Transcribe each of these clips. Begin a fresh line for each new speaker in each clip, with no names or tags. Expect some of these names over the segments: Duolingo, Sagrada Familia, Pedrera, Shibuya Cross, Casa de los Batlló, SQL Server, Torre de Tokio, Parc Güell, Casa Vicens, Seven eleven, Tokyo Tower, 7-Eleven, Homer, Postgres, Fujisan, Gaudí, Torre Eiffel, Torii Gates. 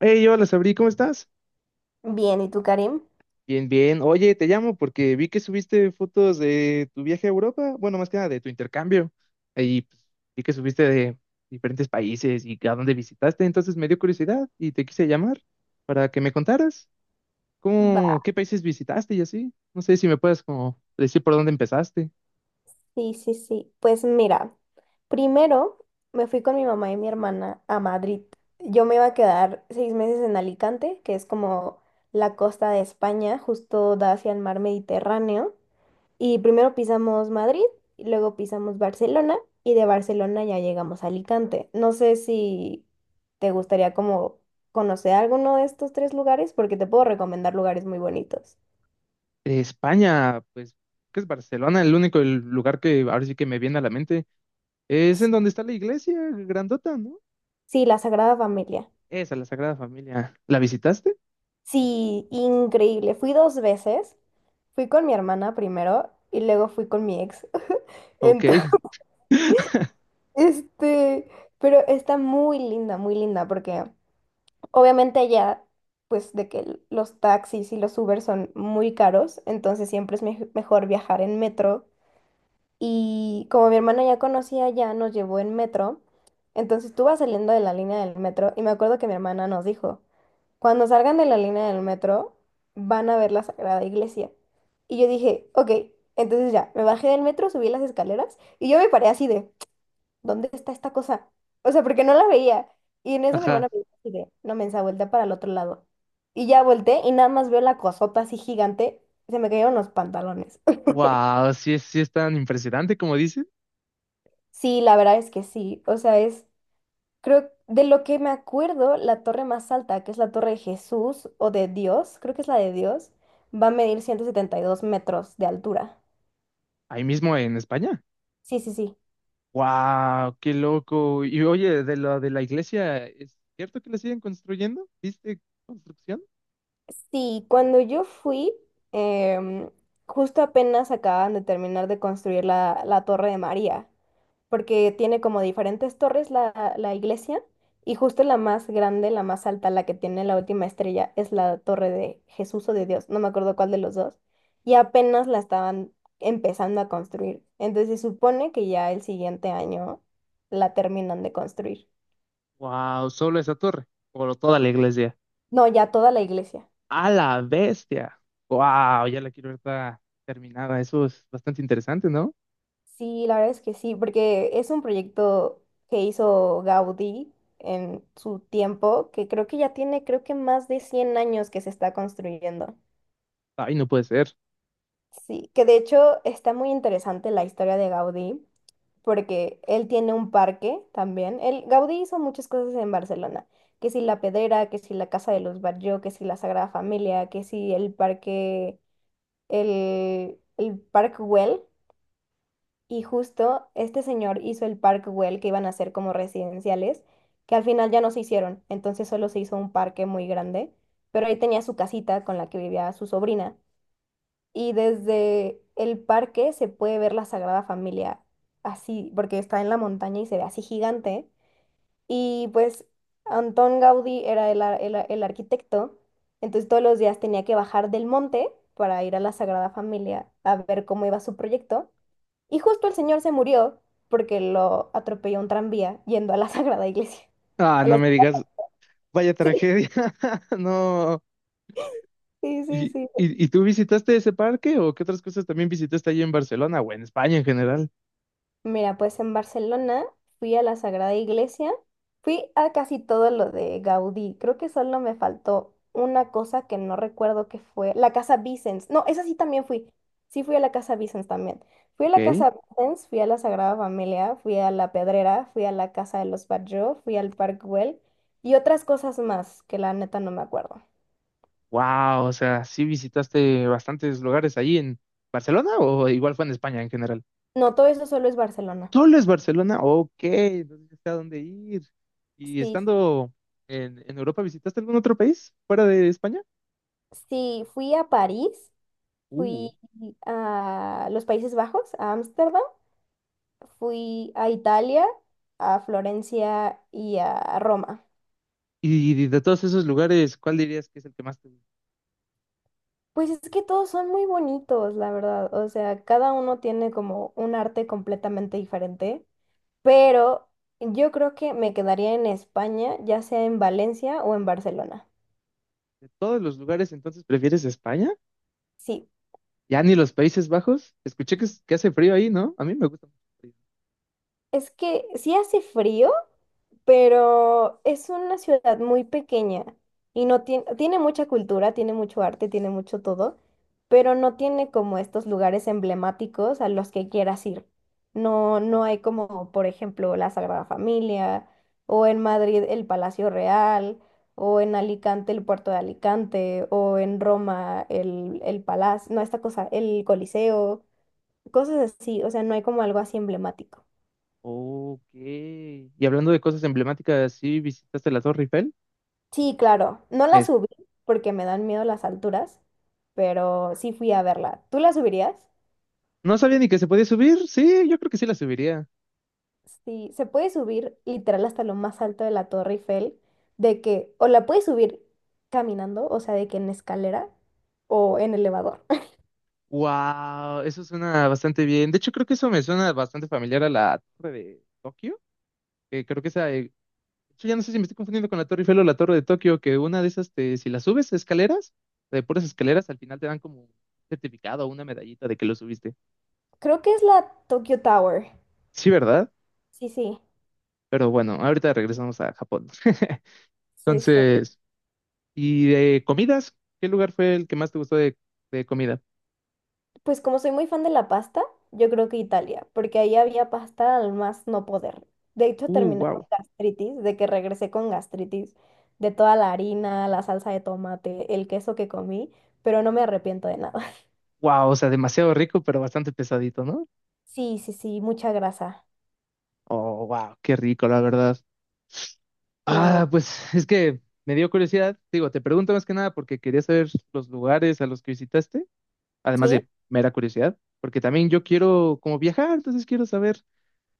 Hey, hola Sabri, ¿cómo estás?
Bien, ¿y tú, Karim?
Bien, bien. Oye, te llamo porque vi que subiste fotos de tu viaje a Europa, bueno, más que nada de tu intercambio. Y pues, vi que subiste de diferentes países y a dónde visitaste, entonces me dio curiosidad y te quise llamar para que me contaras
Va.
cómo, qué países visitaste y así. No sé si me puedes como decir por dónde empezaste.
Sí, sí, sí. Pues mira, primero me fui con mi mamá y mi hermana a Madrid. Yo me iba a quedar 6 meses en Alicante, que es como la costa de España, justo da hacia el mar Mediterráneo. Y primero pisamos Madrid, y luego pisamos Barcelona y de Barcelona ya llegamos a Alicante. No sé si te gustaría como conocer alguno de estos tres lugares, porque te puedo recomendar lugares muy bonitos.
De España, pues, que es Barcelona, el lugar que ahora sí que me viene a la mente. Es en donde está la iglesia grandota, ¿no?
Sí, la Sagrada Familia.
Esa, la Sagrada Familia. ¿La visitaste?
Sí, increíble. Fui dos veces. Fui con mi hermana primero y luego fui con mi ex.
Ok.
Entonces, este, pero está muy linda, porque obviamente allá, pues de que los taxis y los Uber son muy caros, entonces siempre es mejor viajar en metro. Y como mi hermana ya conocía, ya nos llevó en metro. Entonces tú vas saliendo de la línea del metro y me acuerdo que mi hermana nos dijo. Cuando salgan de la línea del metro, van a ver la Sagrada Iglesia. Y yo dije, ok, entonces ya, me bajé del metro, subí las escaleras y yo me paré así de, ¿dónde está esta cosa? O sea, porque no la veía. Y en eso mi hermana
Ajá.
me dijo así de, no mensa, voltea para el otro lado. Y ya volteé y nada más veo la cosota así gigante, se me cayeron los pantalones.
Wow, sí, sí es tan impresionante como dicen.
Sí, la verdad es que sí, o sea, es. Creo, de lo que me acuerdo, la torre más alta, que es la torre de Jesús o de Dios, creo que es la de Dios, va a medir 172 metros de altura.
Ahí mismo en España.
Sí, sí, sí.
Wow, qué loco. Y oye, de lo de la iglesia, ¿es cierto que la siguen construyendo? ¿Viste construcción?
Sí, cuando yo fui, em, justo apenas acaban de terminar de construir la Torre de María, porque tiene como diferentes torres la iglesia y justo la más grande, la más alta, la que tiene la última estrella, es la Torre de Jesús o de Dios, no me acuerdo cuál de los dos, y apenas la estaban empezando a construir. Entonces se supone que ya el siguiente año la terminan de construir.
Wow, solo esa torre. Por toda la iglesia.
No, ya toda la iglesia.
A la bestia. Wow, ya la quiero ver toda terminada. Eso es bastante interesante, ¿no?
Sí, la verdad es que sí, porque es un proyecto que hizo Gaudí en su tiempo, que creo que ya tiene, creo que más de 100 años que se está construyendo.
Ay, no puede ser.
Sí, que de hecho está muy interesante la historia de Gaudí, porque él tiene un parque también. El Gaudí hizo muchas cosas en Barcelona, que si la Pedrera, que si la Casa de los Barrios, que si la Sagrada Familia, que si el parque, el Parc Güell. Y justo este señor hizo el Parkwell que iban a hacer como residenciales, que al final ya no se hicieron, entonces solo se hizo un parque muy grande, pero ahí tenía su casita con la que vivía su sobrina. Y desde el parque se puede ver la Sagrada Familia así, porque está en la montaña y se ve así gigante. Y pues Antón Gaudí era el arquitecto, entonces todos los días tenía que bajar del monte para ir a la Sagrada Familia a ver cómo iba su proyecto. Y justo el señor se murió porque lo atropelló un tranvía yendo a la Sagrada Iglesia.
Ah,
A
no
la-
me digas, vaya
Sí,
tragedia. No.
sí,
¿Y,
sí, sí.
y tú visitaste ese parque o qué otras cosas también visitaste allí en Barcelona o en España en general?
Mira, pues en Barcelona fui a la Sagrada Iglesia, fui a casi todo lo de Gaudí. Creo que solo me faltó una cosa que no recuerdo que fue, la Casa Vicens. No, esa sí también fui. Sí fui a la Casa Vicens también. Fui a la
Ok.
Casa Vicens, fui a la Sagrada Familia, fui a la Pedrera, fui a la Casa de los Batlló, fui al Parc Güell y otras cosas más que la neta no me acuerdo.
Wow, o sea, sí visitaste bastantes lugares allí en Barcelona o igual fue en España en general.
No, todo eso solo es Barcelona.
¿Solo es Barcelona? Ok, entonces ya sé a dónde ir. ¿Y
Sí,
estando en Europa visitaste algún otro país fuera de España?
sí, fui a París,
Uh.
fui a los Países Bajos, a Ámsterdam, fui a Italia, a Florencia y a Roma.
Y, de todos esos lugares, ¿cuál dirías que es el que más te gusta?
Pues es que todos son muy bonitos, la verdad. O sea, cada uno tiene como un arte completamente diferente, pero yo creo que me quedaría en España, ya sea en Valencia o en Barcelona.
¿De todos los lugares entonces prefieres España?
Sí,
¿Ya ni los Países Bajos? Escuché que, que hace frío ahí, ¿no? A mí me gusta mucho el frío.
es que sí hace frío. Pero es una ciudad muy pequeña y no tiene, tiene mucha cultura, tiene mucho arte, tiene mucho todo, pero no tiene como estos lugares emblemáticos a los que quieras ir. No, no hay como, por ejemplo, la Sagrada Familia, o en Madrid el Palacio Real, o en Alicante el Puerto de Alicante, o en Roma el Palacio, no, esta cosa, el Coliseo, cosas así, o sea, no hay como algo así emblemático.
Ok. Y hablando de cosas emblemáticas, ¿sí visitaste la Torre Eiffel?
Sí, claro. No la
Es-
subí porque me dan miedo las alturas, pero sí fui a verla. ¿Tú la subirías?
No sabía ni que se podía subir. Sí, yo creo que sí la subiría.
Sí, se puede subir literal hasta lo más alto de la Torre Eiffel, de que o la puedes subir caminando, o sea, de que en escalera o en elevador.
Wow, eso suena bastante bien. De hecho, creo que eso me suena bastante familiar a la Torre de Tokio. Que creo que esa, de hecho, ya no sé si me estoy confundiendo con la Torre Eiffel o la Torre de Tokio, que una de esas, si la subes escaleras, de puras escaleras, al final te dan como un certificado o una medallita de que lo subiste.
Creo que es la Tokyo Tower.
Sí, ¿verdad?
Sí, sí,
Pero bueno, ahorita regresamos a Japón.
sí, sí.
Entonces. ¿Y de comidas? ¿Qué lugar fue el que más te gustó de comida?
Pues como soy muy fan de la pasta, yo creo que Italia, porque ahí había pasta al más no poder. De hecho, terminé con
Wow.
gastritis, de que regresé con gastritis, de toda la harina, la salsa de tomate, el queso que comí, pero no me arrepiento de nada.
Wow, o sea, demasiado rico, pero bastante pesadito, ¿no?
Sí, sí, sí, mucha grasa.
Oh, wow, qué rico, la verdad.
Sí.
Ah, pues es que me dio curiosidad. Digo, te pregunto más que nada porque quería saber los lugares a los que visitaste, además
¿Sí?
de mera curiosidad, porque también yo quiero como viajar, entonces quiero saber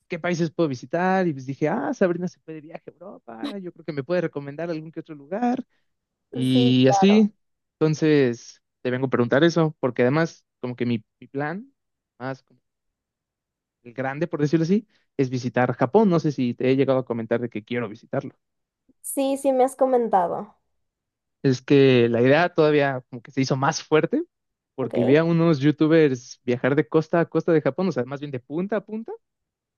qué países puedo visitar. Y pues dije, ah, Sabrina se fue de viaje a Europa, yo creo que me puede recomendar algún que otro lugar.
Sí,
Y
claro.
así, entonces, te vengo a preguntar eso, porque además, como que mi plan, más como el grande, por decirlo así, es visitar Japón. No sé si te he llegado a comentar de que quiero visitarlo.
Sí, sí, me has comentado.
Es que la idea todavía como que se hizo más fuerte, porque vi
Ok,
a unos youtubers viajar de costa a costa de Japón, o sea, más bien de punta a punta,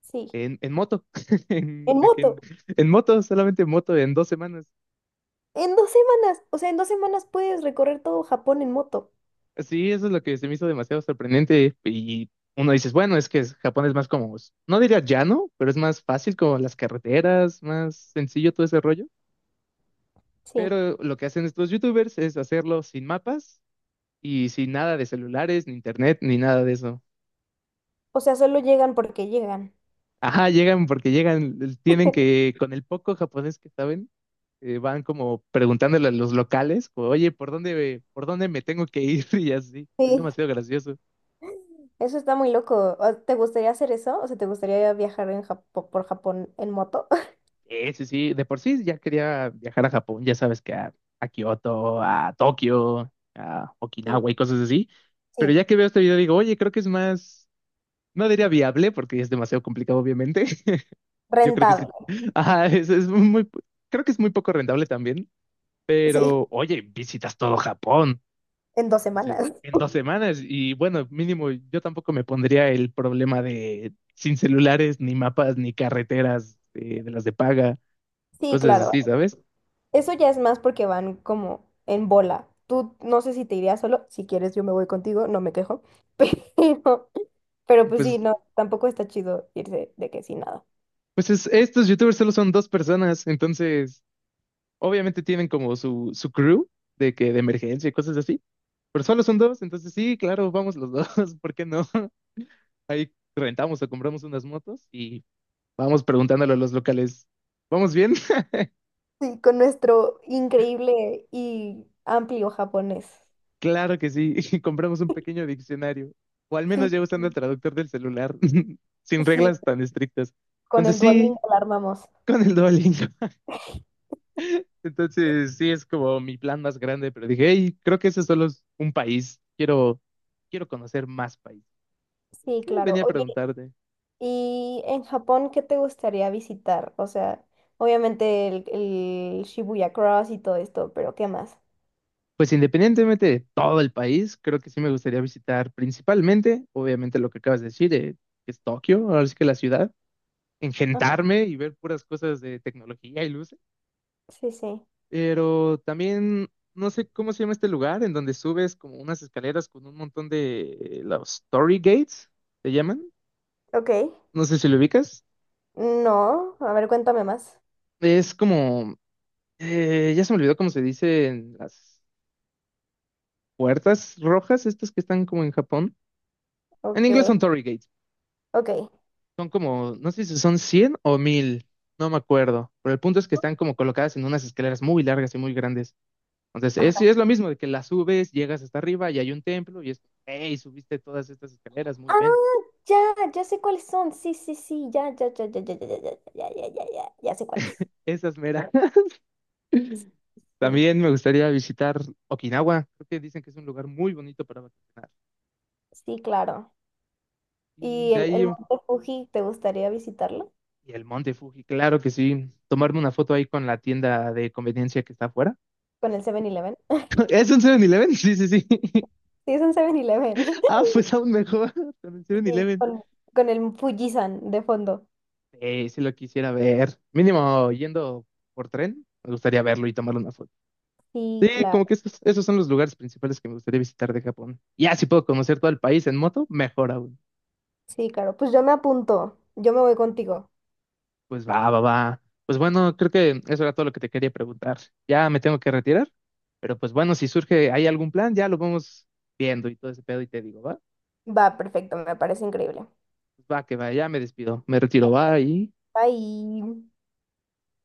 sí.
en moto,
En
en, de que
moto,
en en moto, solamente en moto, en dos semanas.
en 2 semanas. O sea, en 2 semanas puedes recorrer todo Japón en moto.
Sí, eso es lo que se me hizo demasiado sorprendente. Y uno dices, bueno, es que Japón es más como, no diría llano, pero es más fácil como las carreteras, más sencillo todo ese rollo.
Sí.
Pero lo que hacen estos youtubers es hacerlo sin mapas y sin nada de celulares, ni internet, ni nada de eso.
O sea, solo llegan porque llegan.
Ajá, llegan porque llegan, tienen que, con el poco japonés que saben, van como preguntándole a los locales, como, oye, ¿por dónde me tengo que ir? Y así. Es
Sí.
demasiado gracioso.
Eso está muy loco. O- ¿Te gustaría hacer eso? O sea, ¿te gustaría viajar en Japo- por Japón en moto?
Sí, sí, sí, de por sí ya quería viajar a Japón, ya sabes que a Kioto, a Tokio, a
Mm.
Okinawa y cosas así, pero
Sí,
ya que veo este video digo, oye, creo que es más, no diría viable porque es demasiado complicado obviamente, yo creo que sí,
rentable.
ajá, es muy, creo que es muy poco rentable también,
Sí,
pero oye, visitas todo Japón
en dos
dice,
semanas.
en dos semanas y bueno, mínimo yo tampoco me pondría el problema de sin celulares, ni mapas, ni carreteras de las de paga,
Sí,
cosas así,
claro.
¿sabes?
Eso ya es más porque van como en bola. Tú no sé si te irías solo. Si quieres, yo me voy contigo, no me quejo. Pero, pero pues sí,
Pues,
no, tampoco está chido irse de que sin nada.
pues estos youtubers solo son dos personas, entonces obviamente tienen como su crew de que de emergencia y cosas así, pero solo son dos, entonces sí, claro, vamos los dos, ¿por qué no? Ahí rentamos o compramos unas motos y vamos preguntándole a los locales, ¿vamos bien?
Sí, con nuestro increíble y amplio japonés.
Claro que sí, y compramos un pequeño diccionario, o al menos
Sí,
ya usando el traductor del celular, sin
sí,
reglas tan estrictas.
con
Entonces
el Duolingo
sí,
la armamos.
con el Duolingo. Entonces, sí, es como mi plan más grande, pero dije, hey, creo que ese solo es un país, quiero, quiero conocer más países. Entonces,
Sí,
sí,
claro.
venía a preguntarte,
Y en Japón, ¿qué te gustaría visitar? O sea, obviamente el Shibuya Cross y todo esto, pero ¿qué más?
pues independientemente de todo el país, creo que sí me gustaría visitar principalmente, obviamente lo que acabas de decir, que es Tokio, ahora sí que la ciudad,
Ah,
engentarme y ver puras cosas de tecnología y luces,
sí, sí.
pero también, no sé cómo se llama este lugar, en donde subes como unas escaleras con un montón de los Torii Gates, ¿se llaman?
Ok.
No sé si lo ubicas.
No, a ver, cuéntame más.
Es como, ya se me olvidó cómo se dicen las puertas rojas, estas que están como en Japón. En
Ok,
inglés son Torii Gates.
ok.
Son como, no sé si son 100 o mil, no me acuerdo. Pero el punto es que están como colocadas en unas escaleras muy largas y muy grandes. Entonces, es, sí,
Ajá.
es lo mismo de que las subes, llegas hasta arriba y hay un templo y es, hey, subiste todas estas escaleras, muy bien.
Ah, ya, ya sé cuáles son. Sí, sí, sí, ya, ya, ya, ya, ya, ya, ya, ya, ya, ya, ya, ya, ya sé cuáles.
Esas meras.
Sí,
También me gustaría visitar Okinawa. Creo que dicen que es un lugar muy bonito para vacacionar.
sí, claro.
Y
¿Y
de
el
ahí.
Monte Fuji, te gustaría visitarlo?
Y el Monte Fuji, claro que sí. Tomarme una foto ahí con la tienda de conveniencia que está afuera.
Con el 7-Eleven.
¿Es un 7-Eleven? Sí, sí, sí.
Sí, es un 7-Eleven.
Ah, pues aún mejor. Con el
Sí,
7-Eleven.
con el Fujisan de fondo.
Si lo quisiera ver. Mínimo yendo por tren, me gustaría verlo y tomar una foto.
Sí,
Sí,
claro.
como que esos, esos son los lugares principales que me gustaría visitar de Japón. Ya, si puedo conocer todo el país en moto, mejor aún.
Sí, claro. Pues yo me apunto. Yo me voy contigo.
Pues va, va, va. Pues bueno, creo que eso era todo lo que te quería preguntar. Ya me tengo que retirar, pero pues bueno, si surge, hay algún plan, ya lo vamos viendo y todo ese pedo y te digo, ¿va?
Va, perfecto. Me parece increíble.
Pues va, que va, ya me despido, me retiro, va y...
Bye.